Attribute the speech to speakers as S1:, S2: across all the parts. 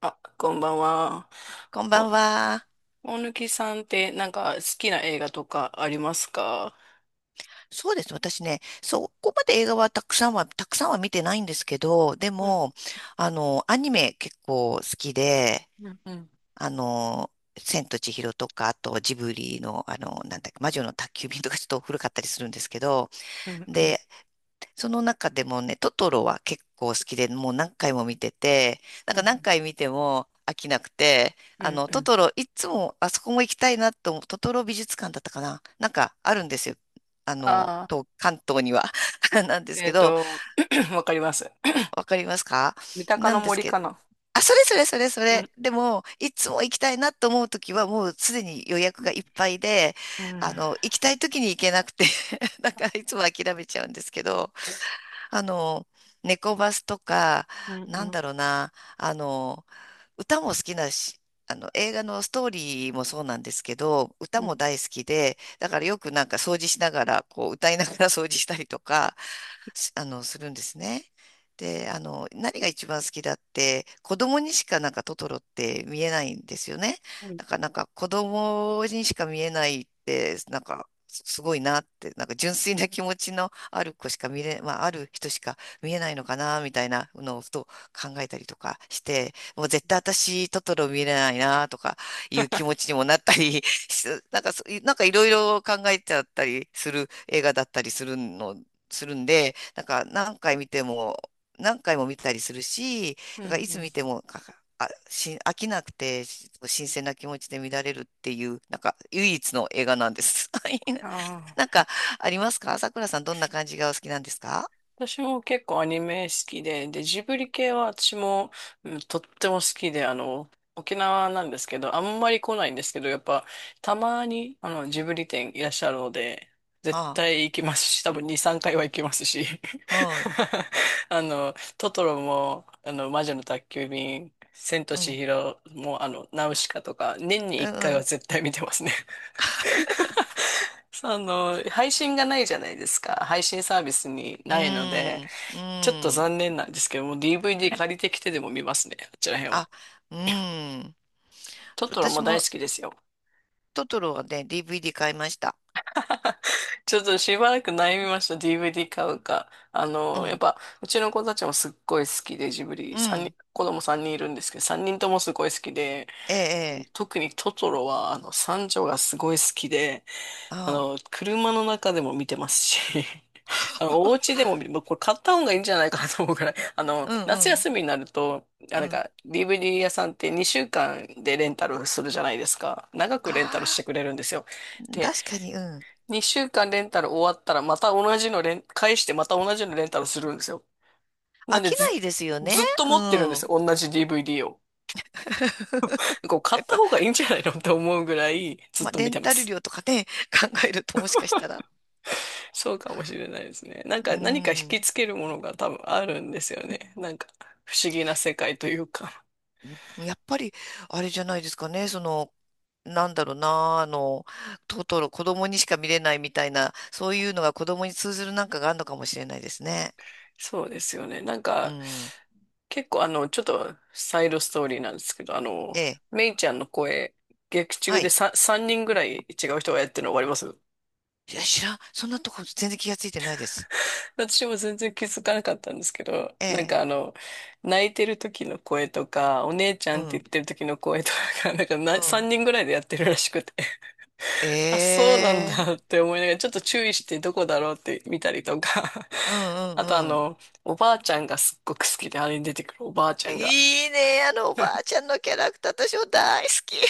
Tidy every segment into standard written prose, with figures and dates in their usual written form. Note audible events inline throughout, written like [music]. S1: あ、こんばんは。
S2: こんば
S1: お、
S2: んは。
S1: 大貫さんってなんか好きな映画とかありますか？
S2: そうです。私ね、そこまで映画はたくさんは、見てないんですけど、で
S1: うん、
S2: も、アニメ結構好きで、
S1: うん、うん、
S2: あの、千と千尋とか、あとジブリの、なんだっけ、魔女の宅急便とかちょっと古かったりするんですけど、
S1: うん、うん、
S2: で、その中でもね、トトロは結構好きで、もう何回も見てて、なん
S1: う
S2: か何
S1: ん、
S2: 回見ても飽きなくて、
S1: うん。う
S2: ト
S1: ん。
S2: トロ、いつもあそこも行きたいなと思う、トトロ美術館だったかななんかあるんですよ。
S1: ああ、
S2: 東関東には [laughs] なんです
S1: え
S2: け
S1: っ
S2: ど、
S1: と、[clears throat] わかります。
S2: わかりますか？
S1: 三鷹
S2: な
S1: の
S2: んです
S1: 森
S2: け
S1: か
S2: ど、
S1: な。
S2: あ、それそれそれそ
S1: う
S2: れ。
S1: ん、
S2: でも、いつも行きたいなと思うときは、もうすでに予
S1: う
S2: 約
S1: ん、
S2: がいっぱいで、
S1: うん、
S2: 行きたいときに行けなくて [laughs] なんかいつも諦めちゃうんですけど、あの、猫バスとか、
S1: うん、う
S2: なん
S1: ん、
S2: だろうな、歌も好きだし、映画のストーリーもそうなんですけど、歌も大好きで、だからよくなんか掃除しながら、こう歌いながら掃除したりとか、すあの、するんですね。で、何が一番好きだって、子供にしかなんかトトロって見えないんですよね。
S1: うん、
S2: なんか子供にしか見えないって、なんか、すごいなって、なんか純粋な気持ちのある子しか見れ、まあ、ある人しか見えないのかな、みたいなのをふと考えたりとかして、もう絶対私、トトロ見れないな、とかいう気持ちにもなったり、し [laughs] なんかそ、なんかいろいろ考えちゃったりする映画だったりするするんで、なんか何回見ても、何回も見たりするし、
S1: う
S2: だからいつ見
S1: ん。
S2: ても、かあ、し、飽きなくて、新鮮な気持ちで見られるっていう、なんか唯一の映画なんです。[laughs] はい。な
S1: あ、
S2: んかありますか？さくらさん、どんな感じがお好きなんですか？
S1: 私も結構アニメ好きで、ジブリ系は私も、うん、とっても好きで、沖縄なんですけど、あんまり来ないんですけど、やっぱ、たまに、ジブリ店いらっしゃるので、絶
S2: あ
S1: 対行きますし、多分2、3回は行きますし、
S2: あ、はい。
S1: [laughs] トトロも、魔女の宅急便、千と
S2: う
S1: 千
S2: ん。
S1: 尋も、ナウシカとか、年に
S2: う
S1: 1回は
S2: ん。
S1: 絶対見てますね。[laughs] その、配信がないじゃないですか。配信サービスに
S2: う
S1: ないので、
S2: ん。う
S1: ちょっと
S2: ん。
S1: 残念なんですけども、DVD 借りてきてでも見ますね、あちら辺は。
S2: あ、うん。
S1: トトロ
S2: 私
S1: も大
S2: も
S1: 好きですよ。
S2: トトロはね、DVD 買いました。
S1: ちょっとしばらく悩みました、DVD 買うか。あ
S2: う
S1: の、やっ
S2: ん。
S1: ぱ、うちの子たちもすっごい好きで、ジブ
S2: う
S1: リ、三人、
S2: ん。
S1: 子供3人いるんですけど、3人ともすごい好きで、
S2: ええ、
S1: あの
S2: ええ。
S1: 特にトトロは、三女がすごい好きで、
S2: あ
S1: 車の中でも見てますし、[laughs] あ
S2: あ。
S1: の、
S2: [laughs]
S1: お家でも見、もうこれ買った方がいいんじゃないかなと思うから、[laughs]
S2: うんう
S1: 夏
S2: ん
S1: 休みになると、あ、
S2: う
S1: なん
S2: ん。
S1: か、DVD 屋さんって2週間でレンタルするじゃないですか。長くレンタルして
S2: ああ、
S1: くれるんですよ。で、
S2: 確かに、うん。
S1: 2週間レンタル終わったら、また同じのレン、返してまた同じのレンタルするんですよ。な
S2: 飽
S1: んで
S2: きな
S1: ず、
S2: いですよね。
S1: ずっと
S2: う
S1: 持ってるんです
S2: ん。
S1: よ。同じ DVD を。
S2: [laughs]
S1: こう、買っ
S2: やっ
S1: た
S2: ぱ、
S1: 方がいいんじゃないのって思うぐらい、ずっ
S2: まあ、
S1: と
S2: レ
S1: 見
S2: ン
S1: てま
S2: タル
S1: す。
S2: 料とかね、[laughs] 考えるともしかしたら。
S1: そうかもしれないですね。なん
S2: う
S1: か何か引
S2: ん。
S1: きつけるものが多分あるんですよね。なんか不思議な世界というか。
S2: やっぱり、あれじゃないですかね。その、なんだろうな、トトロ、子供にしか見れないみたいな、そういうのが子供に通ずるなんかがあるのかもしれないですね。
S1: そうですよね。
S2: うん。
S1: 結構あの、ちょっとサイドストーリーなんですけど、
S2: ええ。
S1: メイちゃんの声、劇
S2: は
S1: 中で
S2: い。
S1: 3, 三人ぐらい違う人がやってるの分かります？
S2: いや、知らん。そんなとこ全然気がついてないです。
S1: 私も全然気づかなかったんですけど、
S2: ええ。
S1: 泣いてる時の声とか、お姉ちゃ
S2: う
S1: んって言
S2: ん。
S1: ってる時の声とかが、なんか
S2: う
S1: な3
S2: ん。
S1: 人ぐらいでやってるらしくて。あ、
S2: え
S1: そうなん
S2: え。
S1: だって思いながら、ちょっと注意してどこだろうって見たりとか。
S2: う
S1: [laughs]
S2: んう
S1: あとあ
S2: んうん。
S1: の、おばあちゃんがすっごく好きで、あれに出てくるおばあちゃんが。
S2: いいね、あのおばあちゃんのキャラクター、私も大好き。[laughs]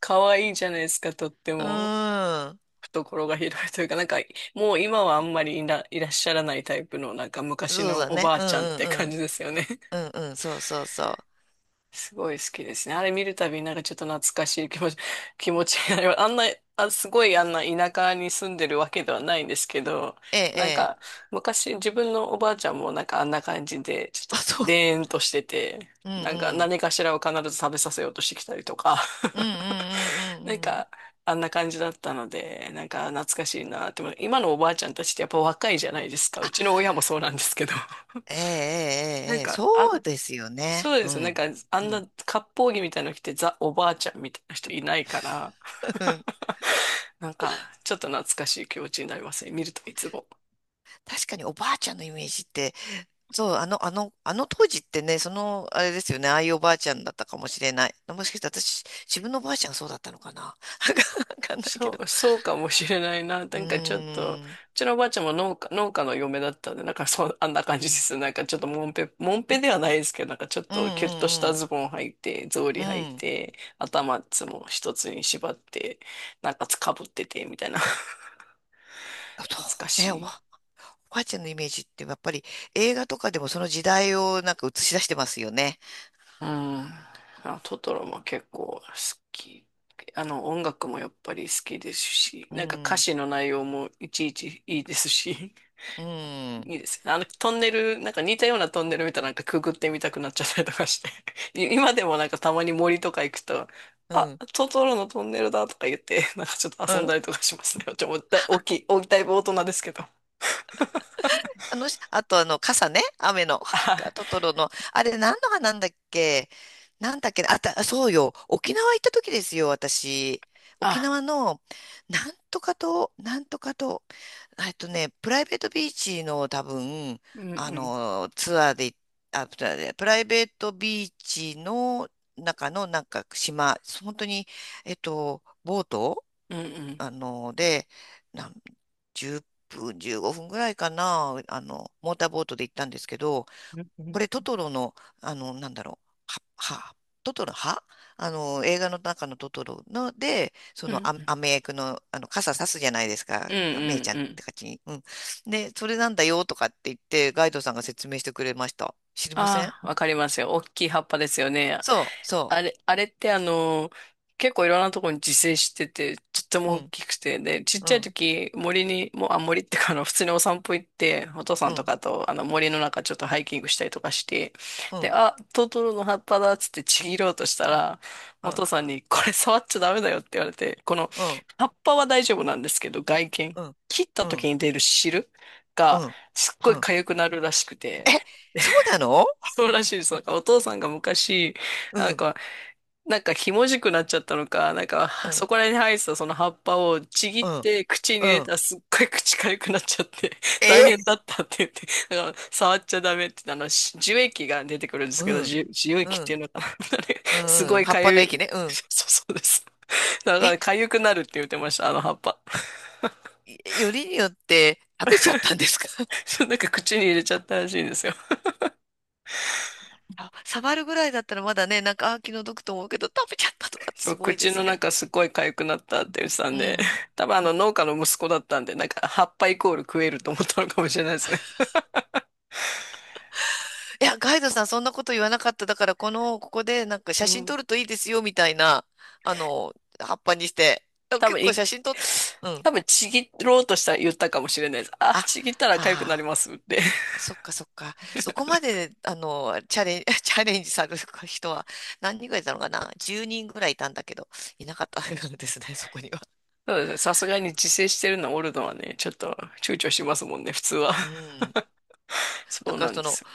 S1: 可愛いじゃないですか、とって
S2: う
S1: も。
S2: ん。
S1: 懐が広いというか、なんか、もう今はあんまりいら、いらっしゃらないタイプの、なんか昔
S2: そう
S1: の
S2: だ
S1: お
S2: ね。
S1: ばあ
S2: うん
S1: ちゃんっ
S2: うん
S1: て
S2: う
S1: 感
S2: ん。
S1: じですよね。
S2: うんうん、そうそうそう。
S1: すごい好きですね。あれ見るたびになんかちょっと懐かしい気持ち、[laughs] 気持ちになります。あんな、あ、すごいあんな田舎に住んでるわけではないんですけど、
S2: ええ、え
S1: なん
S2: え。
S1: か昔自分のおばあちゃんもなんかあんな感じで、ちょ
S2: あ、
S1: っと
S2: そう。
S1: でーんとしてて、
S2: うんう
S1: なんか
S2: ん。
S1: 何かしらを必ず食べさせようとしてきたりとか、
S2: うんうんう
S1: [laughs]
S2: ん
S1: なん
S2: うんうん。
S1: かあんな感じだったので、なんか懐かしいなって思う。今のおばあちゃんたちってやっぱ若いじゃないですか。
S2: あ、
S1: うちの親もそうなんですけど。
S2: ええ、
S1: な
S2: ええ、
S1: ん
S2: ええ、
S1: か、あ
S2: そうですよね。
S1: そうで
S2: う
S1: すよ。なん
S2: ん。
S1: か、あ
S2: う
S1: んな
S2: ん。
S1: 割烹着みたいなの着て、ザ・おばあちゃんみたいな人いないから、
S2: [laughs] うん。
S1: [laughs] なんか、ちょっと懐かしい気持ちになりますね。見るといつも。
S2: 確かにおばあちゃんのイメージって、そう、あの当時ってね、その、あれですよね、ああいうおばあちゃんだったかもしれない。もしかして私、自分のおばあちゃんがそうだったのかな。[laughs] わかんないけ
S1: そ
S2: ど。
S1: う、そうかもしれないな。な
S2: う
S1: んかちょっと、う
S2: ーん。
S1: ちのおばあちゃんも農家、農家の嫁だったんで、なんかそう、あんな感じです。なんかちょっともんぺ、もんぺではないですけど、なんかちょっ
S2: う
S1: とキュッとし
S2: んう
S1: た
S2: ん
S1: ズボン履いて、草
S2: うん。
S1: 履履い
S2: うん。
S1: て、頭いつも一つに縛って、なんかつかぶってて、みたいな。[laughs]
S2: そ
S1: 懐か
S2: う
S1: し
S2: ね、
S1: い。
S2: おばあちゃんのイメージってやっぱり映画とかでもその時代をなんか映し出してますよね。
S1: うん。あ、トトロも結構好き。あの、音楽もやっぱり好きですし、
S2: う
S1: なんか歌
S2: ん。
S1: 詞の内容もいちいちいいですし、
S2: う
S1: [laughs]
S2: ん。
S1: いいですね。あの、トンネル、なんか似たようなトンネル見たらなんかくぐってみたくなっちゃったりとかして、[laughs] 今でもなんかたまに森とか行くと、
S2: う
S1: あ、
S2: ん。
S1: トトロのトンネルだとか言って、[laughs] なんかちょっと
S2: う
S1: 遊ん
S2: ん。
S1: だりとかしますね。[laughs] ちょ、もうだい、大きい、大きい、だいぶ大人ですけど。
S2: あと、傘ね、雨の、
S1: あ、
S2: [laughs] トトロの、あれ何の花なんだっけ？なんだっけね、そうよ、沖縄行った時ですよ、私。沖
S1: あ、
S2: 縄の、なんとか島、なんとか島、プライベートビーチの多分、
S1: うん
S2: あ
S1: うん、
S2: の、ツアーで、ツアーでプライベートビーチの中のなんか島、本当に、えっと、ボート
S1: うんうん、
S2: あの、で、なん、10分、15分ぐらいかな、モーターボートで行ったんですけど、
S1: うんう
S2: これ
S1: ん、
S2: トトロの、なんだろう、は、は、トトロ、はあの、映画の中のトトロので、そ
S1: うん
S2: の
S1: うん、
S2: アメ役の、傘さすじゃないです
S1: う
S2: か、
S1: ん
S2: メ
S1: う
S2: イち
S1: ん。
S2: ゃんっ
S1: うん。
S2: て感じに。うん。で、それなんだよとかって言って、ガイドさんが説明してくれました。知りません？
S1: ああ、わかりますよ。大きい葉っぱですよね。
S2: そう、そ
S1: あれってあの、結構いろんなところに自生してて、とって
S2: う。
S1: も
S2: う
S1: 大
S2: ん、
S1: きくて、で、ちっ
S2: う
S1: ちゃい
S2: ん、
S1: 時、森に、もう、あ、森ってか、あの、普通にお散歩行って、お父さ
S2: う
S1: んと
S2: ん、
S1: かと、あの、森の中ちょっとハイキングしたりとかして、
S2: う
S1: で、
S2: ん、
S1: あ、トトロの葉っぱだっつってちぎろうとしたら、
S2: う
S1: お
S2: ん、
S1: 父さんに、これ触っちゃダメだよって言われて、この、
S2: うん、
S1: 葉っぱは大丈夫なんですけど、外見、
S2: うん、
S1: 切った
S2: うん、
S1: 時に出る汁
S2: う
S1: が、
S2: ん。
S1: すっご
S2: う
S1: い
S2: ん、
S1: 痒くなるらしく
S2: え、
S1: て、
S2: そうなの？
S1: そうらしいです。お父さんが昔、
S2: う
S1: なん
S2: ん、
S1: か、なんかひもじくなっちゃったのか、
S2: う
S1: は
S2: ん、
S1: そこら辺に生えてたその葉っぱをちぎ
S2: う
S1: っ
S2: ん、
S1: て口に
S2: う
S1: 入れ
S2: ん。
S1: たらすっごい口痒くなっちゃって、[laughs] 大変
S2: え、
S1: だったって言って、だから触っちゃダメって、樹液が出てくるんですけ
S2: う
S1: ど、
S2: ん、
S1: 樹
S2: う
S1: 液っていう
S2: ん、
S1: のかな。 [laughs] あれ
S2: う
S1: す
S2: ん、う
S1: ご
S2: ん、
S1: い
S2: 葉っぱ
S1: 痒
S2: の
S1: い。
S2: 液ね。うん。
S1: そうです。だか
S2: え、
S1: ら痒くなるって言ってました、あの葉っぱ。
S2: よりによって食べちゃったんですか？ [laughs]
S1: [laughs] なんか口に入れちゃったらしいんですよ。
S2: あ、触るぐらいだったらまだね、なんか、あ、気の毒と思うけど、食べちゃったとかって
S1: そ
S2: す
S1: う、
S2: ごいで
S1: 口
S2: す
S1: の
S2: ね。
S1: 中すごい痒くなったって言ってた
S2: う
S1: んで、
S2: ん。
S1: [laughs] 多分あの農家の息子だったんで、なんか葉っぱイコール食えると思ったのかもしれないですね。
S2: いや、ガイドさん、そんなこと言わなかった。だから、ここで、なんか、
S1: う
S2: 写真
S1: ん。
S2: 撮るといいですよ、みたいな、あの、葉っぱにして。あ
S1: 多分
S2: 結構
S1: い、
S2: 写真撮っ、うん。
S1: 多分ちぎろうとしたら言ったかもしれないです。あ、
S2: あ、
S1: ちぎったら痒くなり
S2: ああー。
S1: ますって。
S2: そっかそっか。そこまで、あの、チャレン、[laughs] チャレンジされる [laughs] 人は何人ぐらいいたのかな？ 10 人ぐらいいたんだけど、いなかったんですね、そこには。
S1: [laughs] そうですね。さすがに自制してるのはね、ちょっと躊躇しますもんね、普通は。
S2: うん。
S1: [laughs] そ
S2: だ
S1: う
S2: から
S1: なん
S2: そ
S1: で
S2: の
S1: すよ。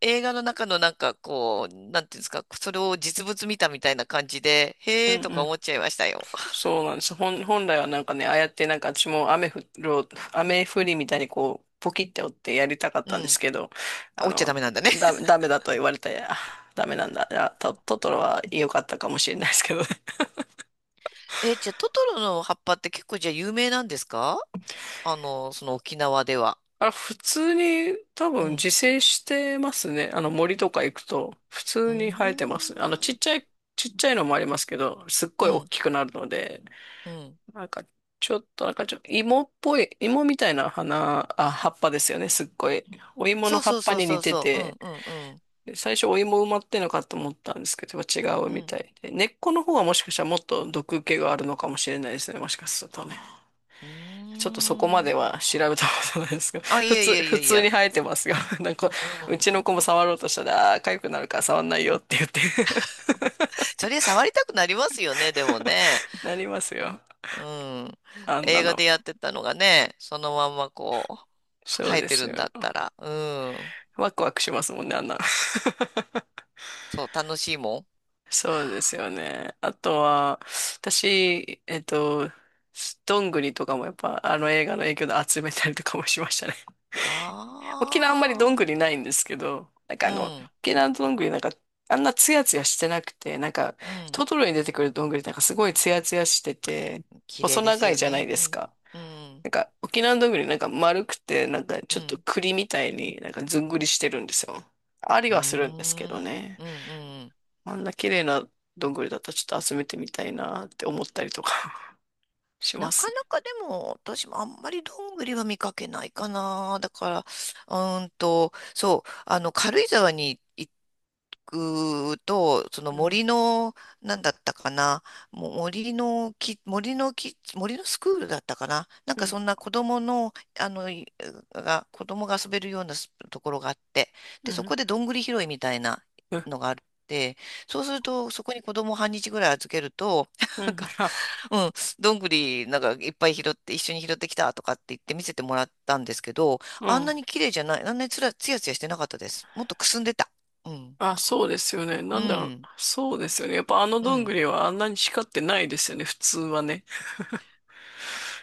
S2: 映画の中のなんかこう、なんていうんですか、それを実物見たみたいな感じで、
S1: うん
S2: へーと
S1: う
S2: か
S1: ん。
S2: 思っちゃいましたよ。
S1: そうなんです。本来はなんかね、ああやってなんか私も雨降る、雨降りみたいにこう、ポキって折ってやりたかっ
S2: う
S1: たんです
S2: ん。
S1: けど、あ
S2: 落ちちゃ
S1: の、
S2: ダメなんだね。
S1: ダメだと言われて、あダメなんだ。トトロは良かったかもしれないですけどね。
S2: [laughs] え、じゃあトトロの葉っぱって結構じゃあ有名なんですか？その沖縄では。
S1: [laughs] あれ、普通に多
S2: う
S1: 分
S2: ん。
S1: 自生してますね。あの森とか行くと、普
S2: う
S1: 通に生えてます。
S2: ーん。
S1: ちっちゃいのもありますけど、すっ
S2: う
S1: ごい大
S2: ん。
S1: きくなるので、
S2: うん。
S1: なんか、ちょっと、なんかちょ、芋みたいな葉っぱですよね、すっごい。お芋の
S2: そう
S1: 葉
S2: そ
S1: っ
S2: う
S1: ぱ
S2: そう
S1: に
S2: そ
S1: 似
S2: う
S1: て
S2: そう。うん
S1: て、
S2: うんうん。
S1: 最初お芋埋まってんのかと思ったんですけど、違う
S2: う
S1: み
S2: ん。
S1: たいで。根っこの方はもしかしたらもっと毒気があるのかもしれないですね、もしかするとね。
S2: うー
S1: ちょっとそこまで
S2: ん。
S1: は調べたことないですけど、
S2: あ、
S1: [laughs]
S2: いやいやい
S1: 普
S2: やい
S1: 通に
S2: や。
S1: 生えてますが、[laughs] なんか、
S2: う
S1: う
S2: ん。
S1: ちの子も触ろうとしたら、ああー、痒くなるから触んないよって言って。
S2: それ触りたくなりますよね、でもね。
S1: [laughs] なりますよ。
S2: うん。
S1: あんな
S2: 映画で
S1: の。
S2: やってたのがね、そのまんまこう、
S1: そう
S2: 生え
S1: で
S2: て
S1: す
S2: るん
S1: よ。
S2: だったら。うん。
S1: ワクワクしますもんね、あんな。
S2: そう、楽しいもん。
S1: そうですよね。あとは、私、どんぐりとかもやっぱあの映画の影響で集めたりとかもしましたね。[laughs] 沖縄あんまりどん
S2: あ
S1: ぐ
S2: あ。
S1: りないんですけど、
S2: うん。
S1: 沖縄のどんぐりなんかあんなツヤツヤしてなくて、なんか
S2: うん。
S1: トトロに出てくるどんぐりなんかすごいツヤツヤしてて、
S2: 綺
S1: 細
S2: 麗です
S1: 長い
S2: よ
S1: じゃない
S2: ね。
S1: で
S2: う
S1: す
S2: ん。
S1: か。
S2: うん。
S1: なんか沖縄のどんぐりなんか丸くて、なんか
S2: う
S1: ちょっと
S2: ん。
S1: 栗みたいになんかずんぐりしてるんですよ。あり
S2: うー
S1: はするんですけど
S2: ん。
S1: ね。
S2: うん。うん。
S1: あんな綺麗などんぐりだったらちょっと集めてみたいなって思ったりとか。 [laughs] し
S2: な
S1: ます
S2: か
S1: ね。
S2: なかでも、私もあんまりどんぐりは見かけないかな。だから、そう、軽井沢に行くと、その
S1: うん、
S2: 森の、なんだったかな、もう森のスクールだったかな。なん
S1: う
S2: か
S1: ん、
S2: そんな子供の、あの、い子供が遊べるようなところがあって、
S1: う
S2: で、そ
S1: ん、
S2: こでどんぐり拾いみたいな
S1: うん、
S2: のがあって、そうすると、そこに子供を半日ぐらい預けると、
S1: [laughs] う
S2: なん
S1: ん、
S2: か、
S1: あ、
S2: うんどんぐりなんかいっぱい拾って一緒に拾ってきたとかって言って見せてもらったんですけど、
S1: う
S2: あん
S1: ん。
S2: なに綺麗じゃない、あんなにつら、つやつやしてなかったです。もっとくすんでた。うん。
S1: あ、そうですよね。な
S2: う
S1: んだ、
S2: ん。
S1: そうですよね。やっぱあの
S2: う
S1: どんぐ
S2: ん。
S1: りはあんなに光ってないですよね、普通はね。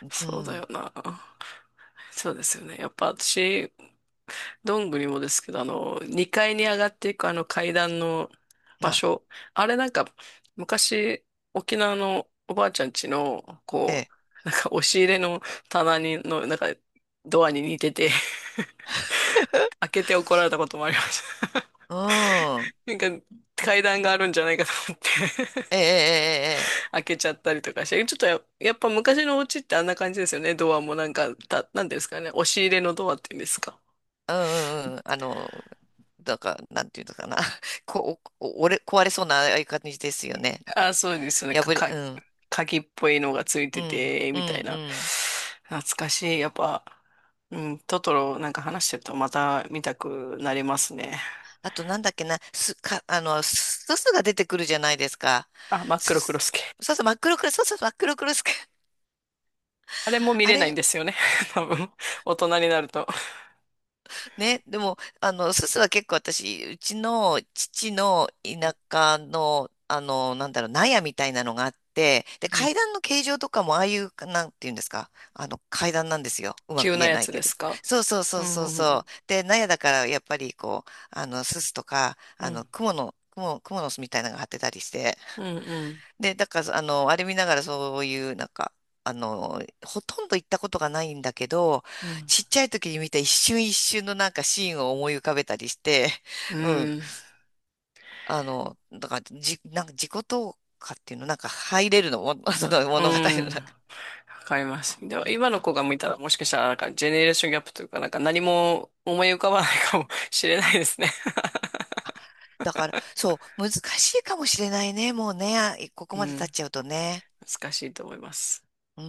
S2: う
S1: そうだ
S2: ん。
S1: よな。そうですよね。やっぱ私、どんぐりもですけど、あの、2階に上がっていくあの階段の場
S2: は
S1: 所。あれなんか、昔、沖縄のおばあちゃん家の、
S2: い。え
S1: こ
S2: え。
S1: か [laughs] 押し入れの棚のドアに似てて、[laughs] 開けて怒られたこともありました。
S2: うん。
S1: [laughs] なんか、階段があるんじゃないかと思って
S2: ええ、ええ、ええ。
S1: [laughs] 開けちゃったりとかして、ちょっとや、やっぱ昔のお家ってあんな感じですよね。ドアもなんか、た、なんていうんですかね。押し入れのドアっていうんですか。
S2: ええ、うんうんうん。なんか、なんていうのかな。[laughs] こ、お、お、折れ、壊れそうなああいう感じですよね。なんか、
S1: あ、そうですよね。
S2: うん。
S1: 鍵っぽいのがつい
S2: う
S1: て
S2: ん。
S1: て、
S2: うん。
S1: みたい
S2: う
S1: な。
S2: ん。
S1: 懐かしい。やっぱ、うん、トトロなんか話してるとまた見たくなりますね。
S2: あとなんだっけな、す、か、あの、すすすが出てくるじゃないですか。
S1: あ、真っ
S2: す
S1: 黒クロ
S2: す、
S1: スケ。
S2: そうそう、真っ黒クロス、そうそう、真っ黒クロス。[laughs]
S1: あれも見
S2: あ
S1: れないん
S2: れ、
S1: ですよね。[laughs] 多分、大人になると。
S2: ね、でも、すすは結構私、うちの父の田舎の、なんだろう、納屋みたいなのがあって、で、
S1: うん、
S2: 階段の形状とかも、ああいう、なんていうんですか、階段なんですよ。うまく
S1: 急な
S2: 言え
S1: や
S2: ない
S1: つ
S2: け
S1: で
S2: ど。
S1: すか？
S2: そうそうそ
S1: う
S2: う
S1: ん、
S2: そう
S1: う
S2: そ
S1: ん、
S2: う。で、納屋だから、やっぱり、こう、すすとか、
S1: うん、
S2: 蜘蛛の巣みたいなのが張ってたりして、
S1: うん、うん、
S2: で、だから、あれ見ながらそういう、なんか、ほとんど行ったことがないんだけど、
S1: うん、
S2: ちっちゃい時に見た一瞬一瞬のなんかシーンを思い浮かべたりして、
S1: う
S2: [laughs] うん。
S1: ん、
S2: だから、なんか自己投下っていうの、なんか入れるのも、[laughs] その
S1: う
S2: 物語
S1: ん
S2: の中。
S1: わかります。でも、今の子が見たら、もしかしたら、なんか、ジェネレーションギャップというか、なんか、何も思い浮かばないかもしれないですね。
S2: だから、そう、難しいかもしれないね、もうね、ここ
S1: う
S2: まで経
S1: ん、
S2: っちゃうとね。
S1: 難しいと思います。
S2: うん